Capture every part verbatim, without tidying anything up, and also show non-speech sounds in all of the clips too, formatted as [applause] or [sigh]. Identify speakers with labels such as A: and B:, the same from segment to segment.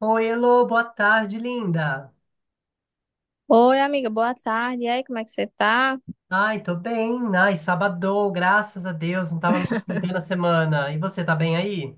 A: Oi, Elô, boa tarde, linda.
B: Oi, amiga, boa tarde. E aí, como é que você tá?
A: Ai, tô bem. Ai, sabadou, graças a Deus, não tava mais na semana. E você, tá bem aí?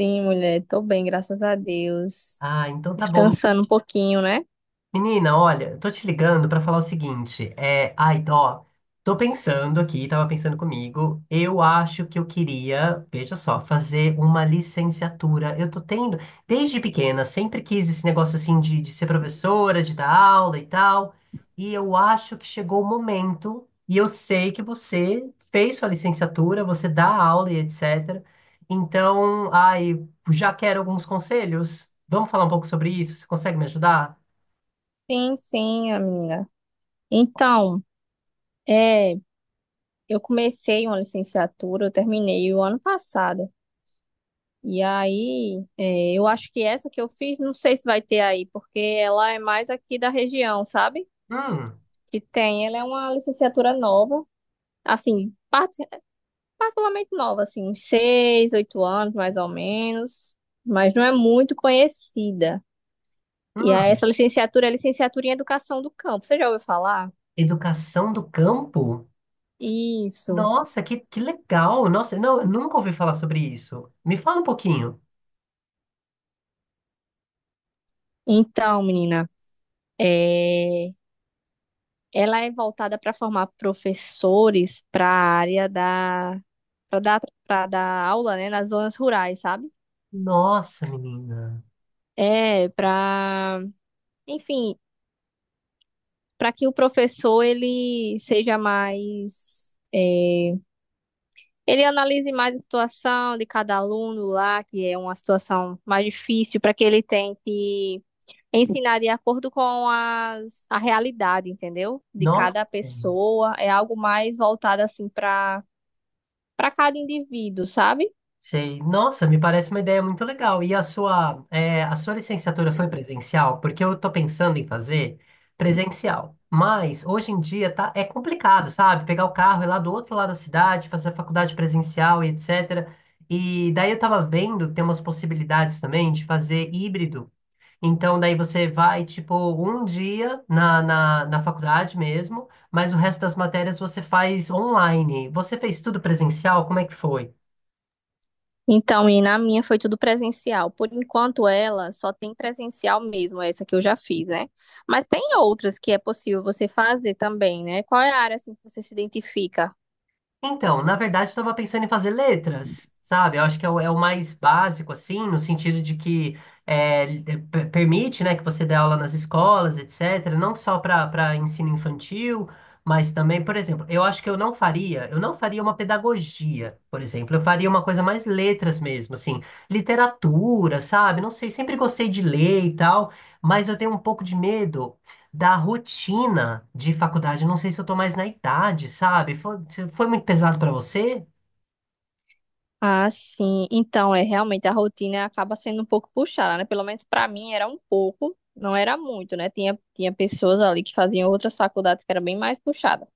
B: Sim, mulher, tô bem, graças a Deus.
A: Ah, então tá bom.
B: Descansando um pouquinho, né?
A: Menina, olha, tô te ligando pra falar o seguinte, é, ai, ó, tô pensando aqui, tava pensando comigo, eu acho que eu queria, veja só, fazer uma licenciatura. Eu tô tendo, desde pequena, sempre quis esse negócio assim de, de ser professora, de dar aula e tal, e eu acho que chegou o momento, e eu sei que você fez sua licenciatura, você dá aula e etcétera. Então, ai, já quero alguns conselhos. Vamos falar um pouco sobre isso? Você consegue me ajudar?
B: Sim, sim, amiga. Então, é, eu comecei uma licenciatura, eu terminei o ano passado. E aí, é, eu acho que essa que eu fiz, não sei se vai ter aí, porque ela é mais aqui da região, sabe?
A: Hum.
B: Que tem, ela é uma licenciatura nova. Assim, particularmente nova, assim, uns seis, oito anos, mais ou menos, mas não é muito conhecida. E aí,
A: Hum,
B: essa licenciatura é licenciatura em Educação do Campo. Você já ouviu falar?
A: Educação do Campo?
B: Isso.
A: Nossa, que, que legal! Nossa, não, eu nunca ouvi falar sobre isso. Me fala um pouquinho.
B: Então, menina, é... ela é voltada para formar professores para a área da para dar para dar aula, né, nas zonas rurais, sabe?
A: Nossa, menina.
B: É, para, enfim, para que o professor ele seja mais é, ele analise mais a situação de cada aluno lá, que é uma situação mais difícil, para que ele tente ensinar de acordo com as, a realidade, entendeu? De
A: Nossa.
B: cada pessoa. É algo mais voltado assim para para cada indivíduo, sabe?
A: Sei. Nossa, me parece uma ideia muito legal. E a sua, é, a sua licenciatura foi presencial? Porque eu estou pensando em fazer presencial. Mas hoje em dia tá, é complicado, sabe? Pegar o carro e ir lá do outro lado da cidade, fazer a faculdade presencial e etcétera. E daí eu estava vendo que tem umas possibilidades também de fazer híbrido. Então, daí você vai, tipo, um dia na, na, na faculdade mesmo, mas o resto das matérias você faz online. Você fez tudo presencial? Como é que foi?
B: Então, e na minha foi tudo presencial. Por enquanto, ela só tem presencial mesmo, essa que eu já fiz, né? Mas tem outras que é possível você fazer também, né? Qual é a área assim que você se identifica?
A: Então, na verdade, eu estava pensando em fazer letras, sabe? Eu acho que é o, é o, mais básico, assim, no sentido de que é, l- eh, per- permite, né, que você dê aula nas escolas, etcétera, não só para para ensino infantil, mas também, por exemplo, eu acho que eu não faria, eu não faria uma pedagogia, por exemplo, eu faria uma coisa mais letras mesmo, assim, literatura, sabe? Não sei, sempre gostei de ler e tal, mas eu tenho um pouco de medo da rotina de faculdade. Não sei se eu tô mais na idade, sabe? Foi, se foi muito pesado pra você?
B: Ah, sim. Então, é realmente a rotina acaba sendo um pouco puxada, né? Pelo menos pra mim era um pouco, não era muito, né? Tinha, tinha pessoas ali que faziam outras faculdades que era bem mais puxada.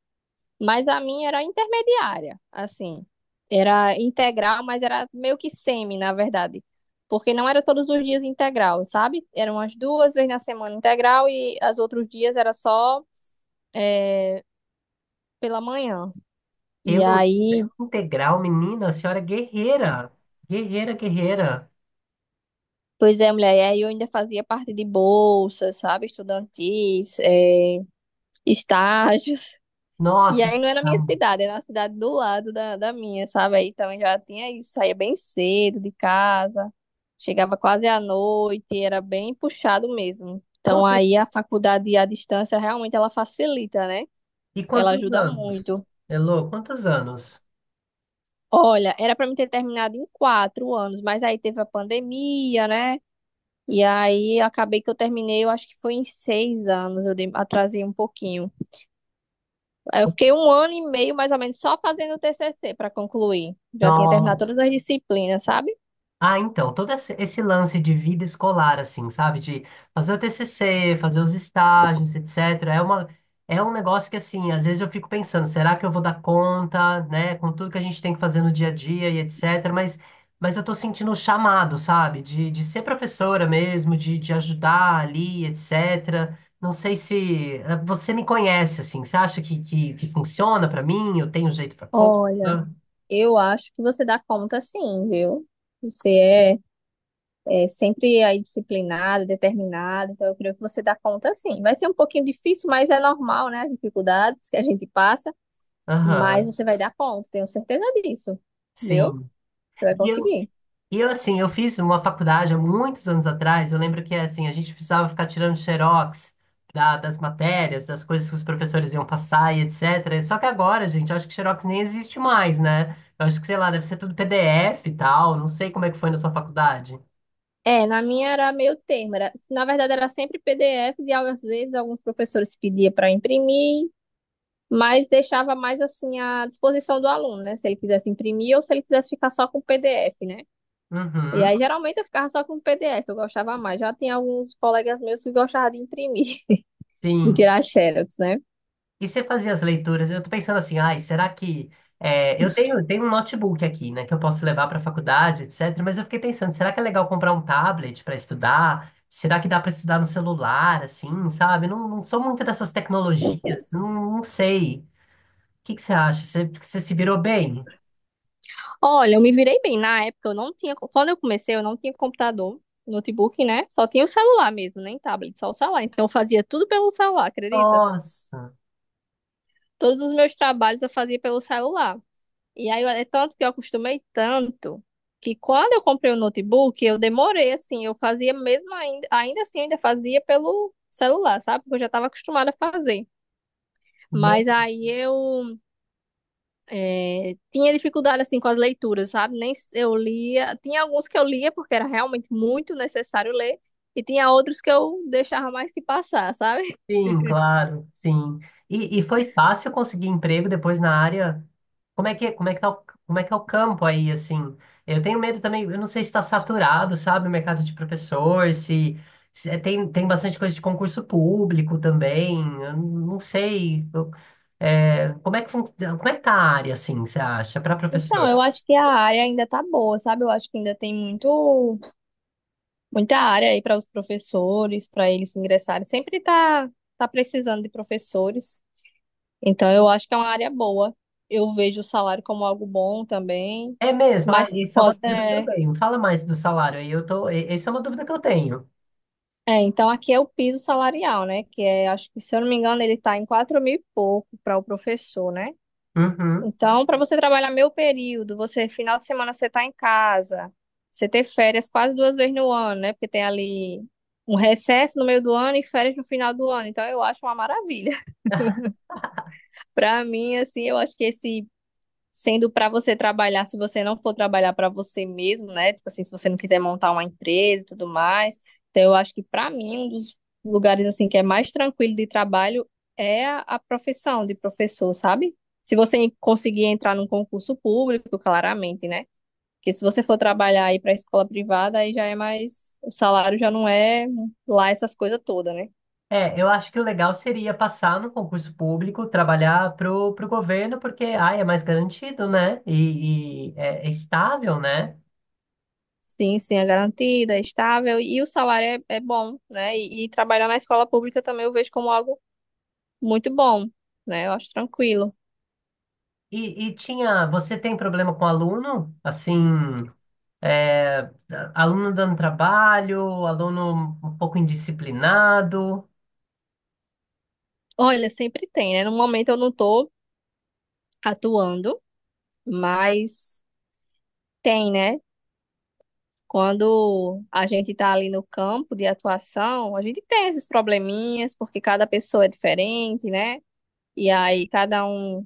B: Mas a minha era intermediária, assim. Era integral, mas era meio que semi, na verdade. Porque não era todos os dias integral, sabe? Eram as duas vezes na semana integral e os outros dias era só, eh, pela manhã. E
A: Elo,
B: aí
A: integral, menina, a senhora é guerreira. Guerreira, guerreira.
B: pois é, mulher, e aí eu ainda fazia parte de bolsas, sabe, estudantis, eh, estágios. E
A: Nossa,
B: aí
A: isso-
B: não é na minha cidade, é na cidade do lado da, da minha, sabe? Aí também já tinha isso, saía bem cedo de casa, chegava quase à noite, era bem puxado mesmo. Então
A: Quanto-
B: aí a faculdade à distância realmente ela facilita, né?
A: e
B: Ela
A: quantos
B: ajuda
A: anos?
B: muito.
A: Elo, quantos anos?
B: Olha, era para mim ter terminado em quatro anos, mas aí teve a pandemia, né? E aí acabei que eu terminei, eu acho que foi em seis anos, eu dei- atrasei um pouquinho. Aí eu fiquei um ano e meio, mais ou menos, só fazendo o T C C para concluir. Já tinha terminado todas as disciplinas, sabe?
A: Ah, então, todo esse esse lance de vida escolar, assim, sabe? De fazer o T C C, fazer os estágios, etcétera. É uma, é um negócio que, assim, às vezes eu fico pensando, será que eu vou dar conta, né? Com tudo que a gente tem que fazer no dia a dia e etcétera. Mas, mas eu tô sentindo o chamado, sabe? De, de ser professora mesmo, de, de ajudar ali, etcétera. Não sei se eh, você me conhece, assim. Você acha que, que, que funciona pra mim? Eu tenho jeito pra coisa?
B: Olha, eu acho que você dá conta sim, viu? Você é, é sempre aí disciplinada, determinada, então eu creio que você dá conta sim. Vai ser um pouquinho difícil, mas é normal, né? As dificuldades que a gente passa, mas
A: Aham,
B: você vai dar conta, tenho certeza disso, viu?
A: sim.
B: Você vai conseguir.
A: E eu, assim, eu fiz uma faculdade há muitos anos atrás. Eu lembro que, assim, a gente precisava ficar tirando xerox da- das matérias, das coisas que os professores iam passar e etcétera. Só que agora, gente, eu acho que xerox nem existe mais, né? Eu acho que, sei lá, deve ser tudo P D F e tal. Não sei como é que foi na sua faculdade.
B: É, na minha era meio termo. Era, na verdade, era sempre P D F e às vezes alguns professores pediam para imprimir, mas deixava mais assim à disposição do aluno, né? Se ele quisesse imprimir ou se ele quisesse ficar só com o P D F, né? E aí
A: Uhum,
B: geralmente eu ficava só com o P D F, eu gostava mais. Já tem alguns colegas meus que gostavam de imprimir, [laughs] de
A: sim.
B: tirar xerox, né?
A: E você fazia as leituras? Eu tô pensando assim, ai, será que. é, eu tenho, tenho, um notebook aqui, né, que eu posso levar para a faculdade, etcétera. Mas eu fiquei pensando, será que é legal comprar um tablet para estudar? Será que dá para estudar no celular, assim, sabe? Não, não sou muito dessas tecnologias, não, não sei. O que que você acha? Você, você se virou bem?
B: Olha, eu me virei bem. Na época eu não tinha, quando eu comecei, eu não tinha computador. Notebook, né? Só tinha o celular mesmo, nem tablet, só o celular. Então eu fazia tudo pelo celular, acredita?
A: Nossa!
B: Todos os meus trabalhos eu fazia pelo celular. E aí, eu- é tanto que eu acostumei tanto que quando eu comprei o notebook, eu demorei, assim, eu fazia mesmo ainda, ainda assim, eu ainda fazia pelo celular, sabe? Porque eu já estava acostumada a fazer. Mas aí eu é, tinha dificuldade, assim, com as leituras, sabe? Nem s- Eu lia. Tinha alguns que eu lia porque era realmente muito necessário ler. E tinha outros que eu deixava mais que passar, sabe? [laughs]
A: Sim, claro, sim. E, e foi fácil conseguir emprego depois na área? Como é que, como é que tá o, como é que é o campo aí, assim? Eu tenho medo também, eu não sei se está saturado, sabe, o mercado de professor, se, se é- tem, tem bastante coisa de concurso público também, eu não sei. Eu- é, como é que, fun- como é que tá a área, assim, você acha, para
B: Então,
A: professor?
B: eu acho que a área ainda tá boa, sabe? Eu acho que ainda tem muito Muita área aí para os professores, para eles ingressarem. Sempre tá, tá precisando de professores. Então, eu acho que é uma área boa. Eu vejo o salário como algo bom também.
A: É mesmo? Ah,
B: Mas
A: isso é uma
B: pode.
A: dúvida
B: É,
A: também. Fala mais do salário aí, eu tô, e- essa é uma dúvida que eu tenho.
B: é, então, aqui é o piso salarial, né? Que é, acho que, se eu não me engano, ele está em quatro mil e pouco para o professor, né?
A: Uhum.
B: Então, para você trabalhar meio período, você final de semana você tá em casa, você ter férias quase duas vezes no ano, né? Porque tem ali um recesso no meio do ano e férias no final do ano. Então, eu acho uma maravilha. [laughs] Para mim, assim, eu acho que esse sendo para você trabalhar, se você não for trabalhar para você mesmo, né? Tipo assim, se você não quiser montar uma empresa e tudo mais. Então, eu acho que para mim, um dos lugares assim que é mais tranquilo de trabalho é a a profissão de professor, sabe? Se você conseguir entrar num concurso público, claramente, né? Porque se você for trabalhar aí para escola privada, aí já é mais, o salário já não é lá essas coisas todas, né?
A: É, eu acho que o legal seria passar no concurso público, trabalhar pro, pro governo, porque, ai, é mais garantido, né? E, e é, é, estável, né?
B: Sim, sim, é garantida, é estável e o salário é, é bom, né? E, e trabalhar na escola pública também eu vejo como algo muito bom, né? Eu acho tranquilo.
A: E, e tinha, você tem problema com aluno? Assim, é, aluno dando trabalho, aluno um pouco indisciplinado.
B: Olha, sempre tem, né? No momento eu não tô atuando, mas tem, né? Quando a gente tá ali no campo de atuação, a gente tem esses probleminhas, porque cada pessoa é diferente, né? E aí cada um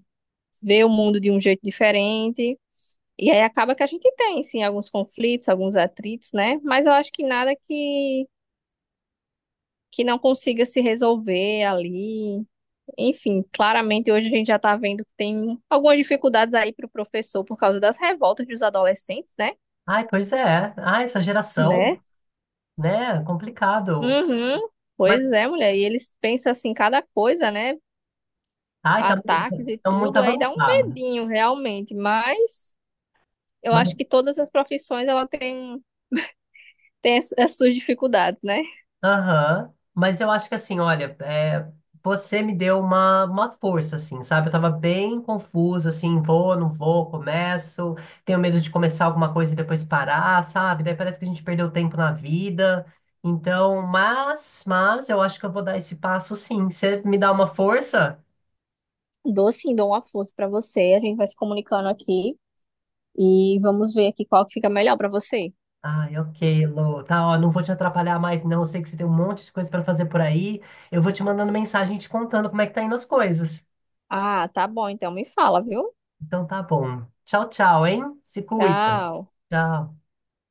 B: vê o mundo de um jeito diferente. E aí acaba que a gente tem, sim, alguns conflitos, alguns atritos, né? Mas eu acho que, nada que, que não consiga se resolver ali, enfim, claramente hoje a gente já está vendo que tem algumas dificuldades aí para o professor por causa das revoltas dos adolescentes, né?
A: Ai, pois é. Ai, essa geração,
B: Né?
A: né? É complicado.
B: Uhum. Pois
A: Mas,
B: é, mulher. E eles pensam assim, cada coisa, né?
A: ai, tá,
B: Ataques e
A: estão muito
B: tudo, aí dá um
A: avançados.
B: medinho realmente. Mas eu acho
A: Mas.
B: que todas as profissões ela tem, tem as, as suas dificuldades, né?
A: Aham, mas eu acho que assim, olha, é, você me deu uma, uma força, assim, sabe? Eu tava bem confusa, assim, vou, não vou, começo, tenho medo de começar alguma coisa e depois parar, sabe? Daí parece que a gente perdeu tempo na vida. Então, mas, mas eu acho que eu vou dar esse passo sim. Você me dá uma força?
B: Dou sim, dou uma força para você. A gente vai se comunicando aqui e vamos ver aqui qual que fica melhor para você.
A: Ai, ok, Lô. Tá, ó, não vou te atrapalhar mais, não. Eu sei que você tem um monte de coisa pra fazer por aí. Eu vou te mandando mensagem te contando como é que tá indo as coisas.
B: Ah, tá bom. Então me fala, viu?
A: Então tá bom. Tchau, tchau, hein? Se cuida.
B: Tchau.
A: Tchau.